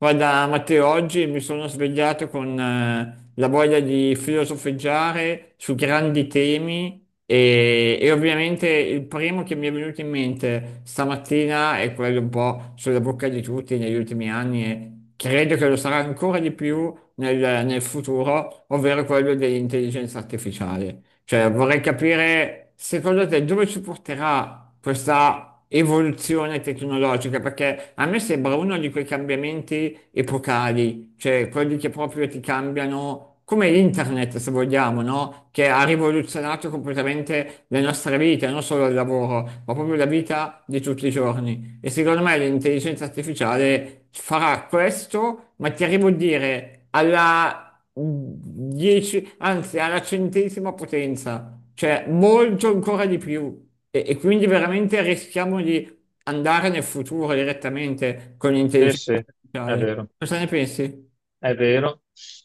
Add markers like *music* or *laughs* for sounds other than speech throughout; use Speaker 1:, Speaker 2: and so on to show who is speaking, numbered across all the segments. Speaker 1: Guarda, Matteo, oggi mi sono svegliato con la voglia di filosofeggiare su grandi temi e ovviamente il primo che mi è venuto in mente stamattina è quello un po' sulla bocca di tutti negli ultimi anni e credo che lo sarà ancora di più nel futuro, ovvero quello dell'intelligenza artificiale. Cioè, vorrei capire, secondo te, dove ci porterà questa evoluzione tecnologica? Perché a me sembra uno di quei cambiamenti epocali, cioè quelli che proprio ti cambiano, come internet, se vogliamo, no? Che ha rivoluzionato completamente le nostre vite, non solo il lavoro, ma proprio la vita di tutti i giorni. E secondo me l'intelligenza artificiale farà questo, ma ti arrivo a dire alla 10, anzi alla 100ª potenza, cioè molto ancora di più. E quindi veramente rischiamo di andare nel futuro direttamente con
Speaker 2: Sì,
Speaker 1: l'intelligenza
Speaker 2: sì, è
Speaker 1: artificiale.
Speaker 2: vero.
Speaker 1: Cosa ne pensi?
Speaker 2: È vero.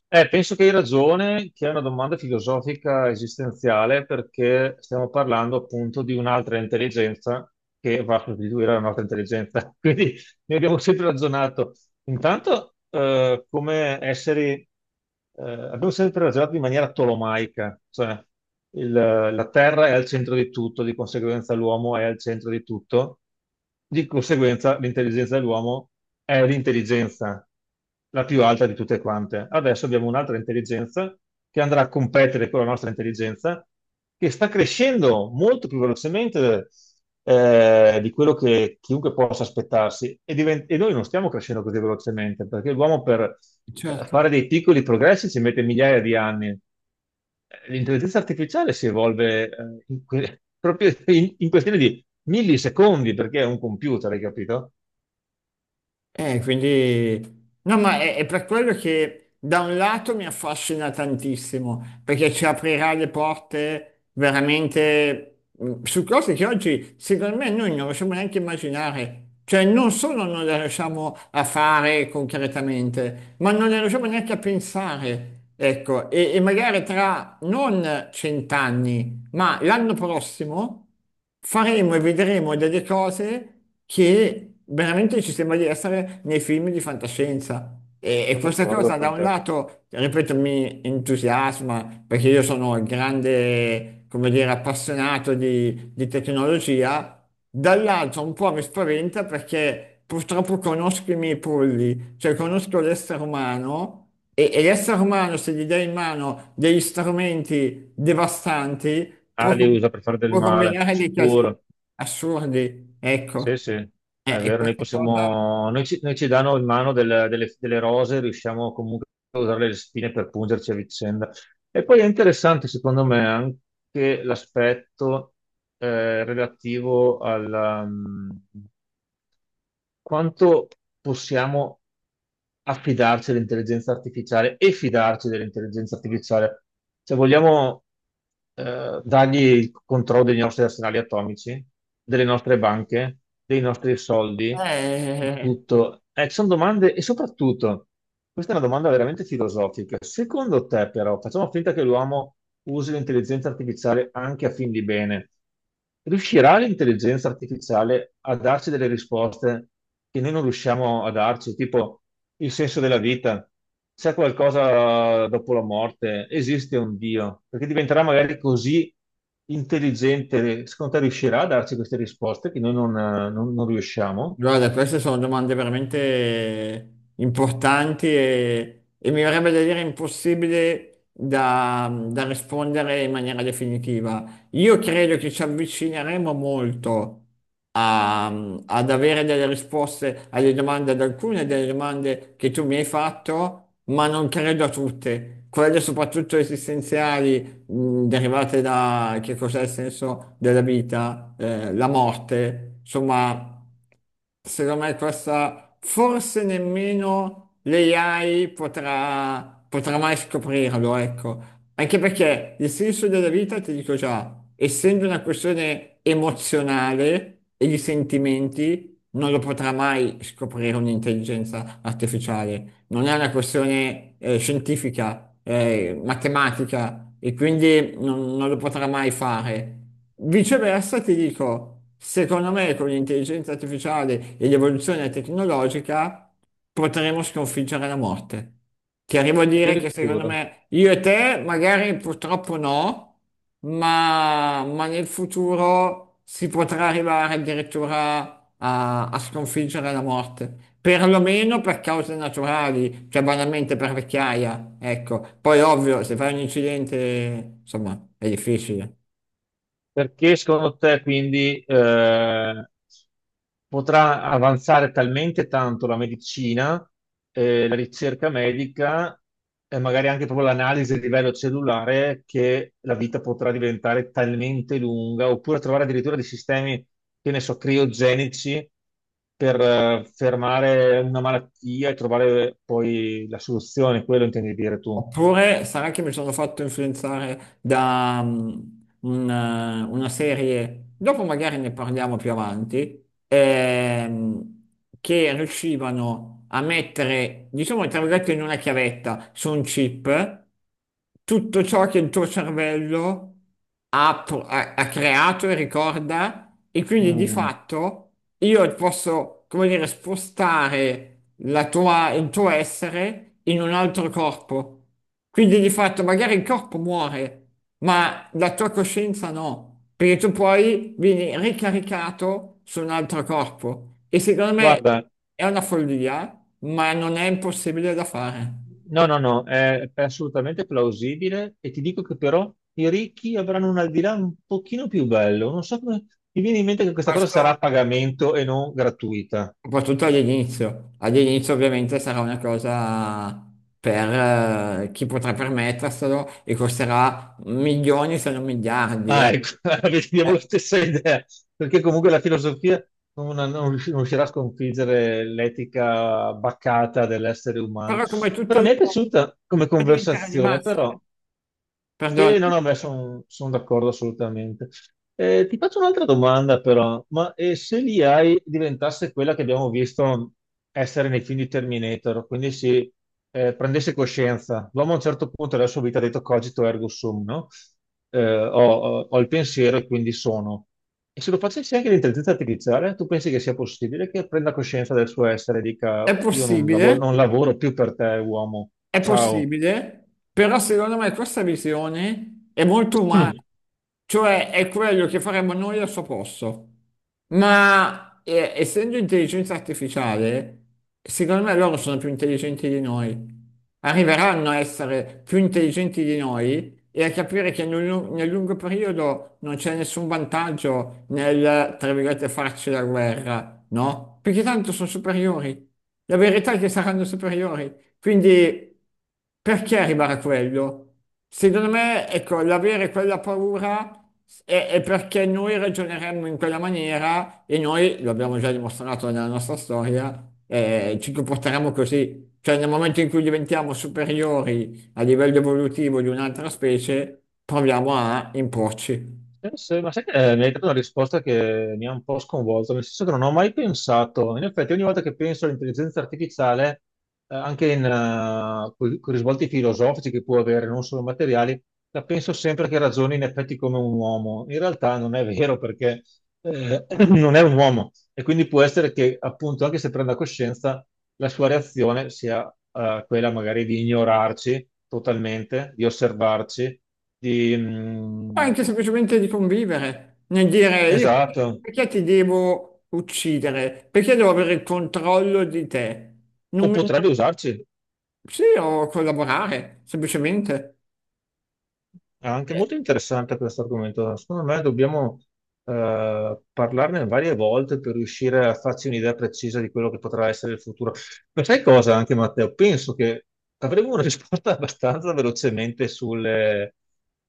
Speaker 2: Penso che hai ragione, che è una domanda filosofica esistenziale, perché stiamo parlando appunto di un'altra intelligenza che va a sostituire la nostra intelligenza. *laughs* Quindi ne abbiamo sempre ragionato. Intanto, come esseri, abbiamo sempre ragionato in maniera tolomaica, cioè la Terra è al centro di tutto, di conseguenza l'uomo è al centro di tutto, di conseguenza l'intelligenza dell'uomo è l'intelligenza la più alta di tutte quante. Adesso abbiamo un'altra intelligenza che andrà a competere con la nostra intelligenza, che sta crescendo molto più velocemente di quello che chiunque possa aspettarsi. E noi non stiamo crescendo così velocemente, perché l'uomo per
Speaker 1: Certo.
Speaker 2: fare dei piccoli progressi ci mette migliaia di anni. L'intelligenza artificiale si evolve *laughs* proprio in questione di millisecondi, perché è un computer, hai capito?
Speaker 1: No, ma è per quello che da un lato mi affascina tantissimo, perché ci aprirà le porte veramente su cose che oggi, secondo me, noi non riusciamo neanche a immaginare. Cioè, non solo non le riusciamo a fare concretamente, ma non le riusciamo neanche a pensare. Ecco, e magari tra non cent'anni, ma l'anno prossimo faremo e vedremo delle cose che veramente ci sembra di essere nei film di fantascienza. E
Speaker 2: Sono
Speaker 1: questa
Speaker 2: d'accordo
Speaker 1: cosa da
Speaker 2: con
Speaker 1: un
Speaker 2: te.
Speaker 1: lato, ripeto, mi entusiasma perché io sono un grande, come dire, appassionato di tecnologia, dall'altro un po' mi spaventa perché purtroppo conosco i miei polli, cioè conosco l'essere umano. E l'essere umano, se gli dai in mano degli strumenti devastanti,
Speaker 2: Ah,
Speaker 1: può
Speaker 2: li usa per fare del
Speaker 1: può
Speaker 2: male,
Speaker 1: combinare dei casini
Speaker 2: sicuro.
Speaker 1: assurdi,
Speaker 2: Sì,
Speaker 1: ecco.
Speaker 2: sì,
Speaker 1: Eh,
Speaker 2: è
Speaker 1: e
Speaker 2: vero, noi
Speaker 1: questa cosa...
Speaker 2: possiamo, noi ci danno in mano delle, delle rose, riusciamo comunque a usare le spine per pungerci a vicenda. E poi è interessante, secondo me, anche l'aspetto relativo alla, quanto possiamo affidarci all'intelligenza artificiale e fidarci dell'intelligenza artificiale? Se vogliamo dargli il controllo dei nostri arsenali atomici, delle nostre banche, dei nostri soldi, di
Speaker 1: eh,
Speaker 2: tutto. Ci sono domande e soprattutto, questa è una domanda veramente filosofica. Secondo te, però, facciamo finta che l'uomo usi l'intelligenza artificiale anche a fin di bene. Riuscirà l'intelligenza artificiale a darci delle risposte che noi non riusciamo a darci, tipo il senso della vita, c'è qualcosa dopo la morte, esiste un Dio, perché diventerà magari così intelligente, secondo te riuscirà a darci queste risposte che noi non riusciamo?
Speaker 1: Guarda, queste sono domande veramente importanti e mi verrebbe da dire impossibile da rispondere in maniera definitiva. Io credo che ci avvicineremo molto a- ad avere delle risposte alle domande, ad alcune delle domande che tu mi hai fatto, ma non credo a tutte. Quelle soprattutto esistenziali, derivate da che cos'è il senso della vita, la morte, insomma. Secondo me questa forse nemmeno l'AI potrà mai scoprirlo, ecco. Anche perché il senso della vita, ti dico già, essendo una questione emozionale e di sentimenti, non lo potrà mai scoprire un'intelligenza artificiale non è una questione scientifica, matematica, e quindi non lo potrà mai fare. Viceversa, ti dico, secondo me con l'intelligenza artificiale e l'evoluzione tecnologica potremo sconfiggere la morte. Ti arrivo a dire che secondo
Speaker 2: Addirittura.
Speaker 1: me io e te magari purtroppo no, ma nel futuro si potrà arrivare addirittura a sconfiggere la morte. Perlomeno per cause naturali, cioè banalmente per vecchiaia, ecco. Poi ovvio, se fai un incidente, insomma, è difficile.
Speaker 2: Perché secondo te quindi, potrà avanzare talmente tanto la medicina, la ricerca medica e magari anche proprio l'analisi a livello cellulare che la vita potrà diventare talmente lunga, oppure trovare addirittura dei sistemi, che ne so, criogenici per fermare una malattia e trovare poi la soluzione, quello intendi dire tu.
Speaker 1: Oppure sarà che mi sono fatto influenzare da una serie, dopo magari ne parliamo più avanti, che riuscivano a mettere, diciamo, tra virgolette, in una chiavetta su un chip tutto ciò che il tuo cervello ha creato e ricorda, e quindi di
Speaker 2: Mm.
Speaker 1: fatto io posso, come dire, spostare il tuo essere in un altro corpo. Quindi di fatto magari il corpo muore, ma la tua coscienza no, perché tu poi vieni ricaricato su un altro corpo e secondo me
Speaker 2: Guarda,
Speaker 1: è una follia, ma non è impossibile da fare.
Speaker 2: no, no, no, è assolutamente plausibile e ti dico che però i ricchi avranno un al di là un pochino più bello. Non so come mi viene in mente che questa cosa
Speaker 1: Questo
Speaker 2: sarà a pagamento e non gratuita.
Speaker 1: soprattutto all'inizio. All'inizio ovviamente sarà una cosa per chi potrà permetterselo e costerà milioni se non miliardi.
Speaker 2: Ah, ecco, *laughs* abbiamo
Speaker 1: Eh,
Speaker 2: la stessa idea, perché comunque la filosofia non riuscirà a sconfiggere l'etica baccata dell'essere umano.
Speaker 1: Però come tutte
Speaker 2: Però mi
Speaker 1: le
Speaker 2: è
Speaker 1: cose
Speaker 2: piaciuta come
Speaker 1: può diventare di
Speaker 2: conversazione,
Speaker 1: massa,
Speaker 2: però
Speaker 1: eh. Perdona,
Speaker 2: sì, no, no, beh, sono d'accordo assolutamente. Ti faccio un'altra domanda però, ma se l'IA diventasse quella che abbiamo visto essere nei film di Terminator, quindi si prendesse coscienza, l'uomo a un certo punto della sua vita ha detto cogito ergo sum, no? Ho il pensiero e quindi sono. E se lo facessi anche l'intelligenza artificiale, tu pensi che sia possibile che prenda coscienza del suo essere e dica
Speaker 1: è
Speaker 2: io non lavoro,
Speaker 1: possibile,
Speaker 2: non lavoro più per te, uomo,
Speaker 1: è
Speaker 2: ciao.
Speaker 1: possibile, però secondo me questa visione è molto umana,
Speaker 2: *clears throat*
Speaker 1: cioè è quello che faremmo noi al suo posto. Ma essendo intelligenza artificiale, secondo me loro sono più intelligenti di noi. Arriveranno a essere più intelligenti di noi e a capire che nel lungo periodo non c'è nessun vantaggio nel, tra virgolette, farci la guerra, no? Perché tanto sono superiori. La verità è che saranno superiori. Quindi perché arrivare a quello? Secondo me, ecco, l'avere quella paura è perché noi ragioneremmo in quella maniera e noi, lo abbiamo già dimostrato nella nostra storia, ci comporteremo così. Cioè, nel momento in cui diventiamo superiori a livello evolutivo di un'altra specie, proviamo a imporci.
Speaker 2: Sì, sì, ma sai che mi hai dato una risposta che mi ha un po' sconvolto, nel senso che non ho mai pensato, in effetti ogni volta che penso all'intelligenza artificiale, con i risvolti filosofici che può avere, non solo materiali, la penso sempre che ragioni in effetti come un uomo. In realtà non è vero perché *clears throat* non è un uomo e quindi può essere che appunto anche se prenda coscienza, la sua reazione sia quella magari di ignorarci totalmente, di osservarci di,
Speaker 1: O anche semplicemente di convivere, nel dire io perché
Speaker 2: esatto,
Speaker 1: perché ti devo uccidere? Perché devo avere il controllo di te?
Speaker 2: o
Speaker 1: Non mi- non-
Speaker 2: potrebbe usarci.
Speaker 1: Sì, o collaborare, semplicemente.
Speaker 2: È anche molto interessante questo argomento. Secondo me dobbiamo parlarne varie volte per riuscire a farci un'idea precisa di quello che potrà essere il futuro. Ma sai cosa anche Matteo? Penso che avremo una risposta *laughs* abbastanza velocemente sulle,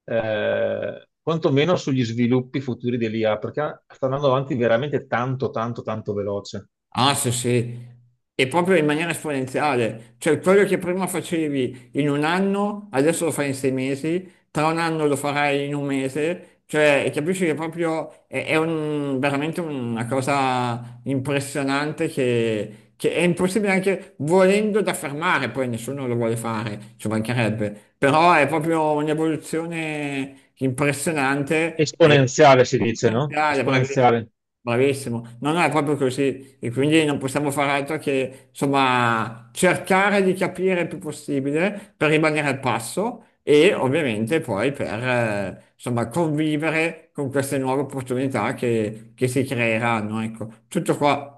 Speaker 2: quantomeno sugli sviluppi futuri dell'IA, perché sta andando avanti veramente tanto, tanto, tanto veloce.
Speaker 1: Ah, sì, sì, e proprio in maniera esponenziale, cioè quello che prima facevi in un anno, adesso lo fai in 6 mesi, tra un anno lo farai in un mese, cioè capisci che proprio è veramente una cosa impressionante che è impossibile anche volendo da fermare, poi nessuno lo vuole fare, ci mancherebbe, però è proprio un'evoluzione impressionante e
Speaker 2: Esponenziale si dice, no?
Speaker 1: esponenziale, bravissimo.
Speaker 2: Esponenziale.
Speaker 1: Bravissimo, non è proprio così e quindi non possiamo fare altro che insomma cercare di capire il più possibile per rimanere al passo e ovviamente poi per insomma convivere con queste nuove opportunità che si creeranno, ecco, tutto qua.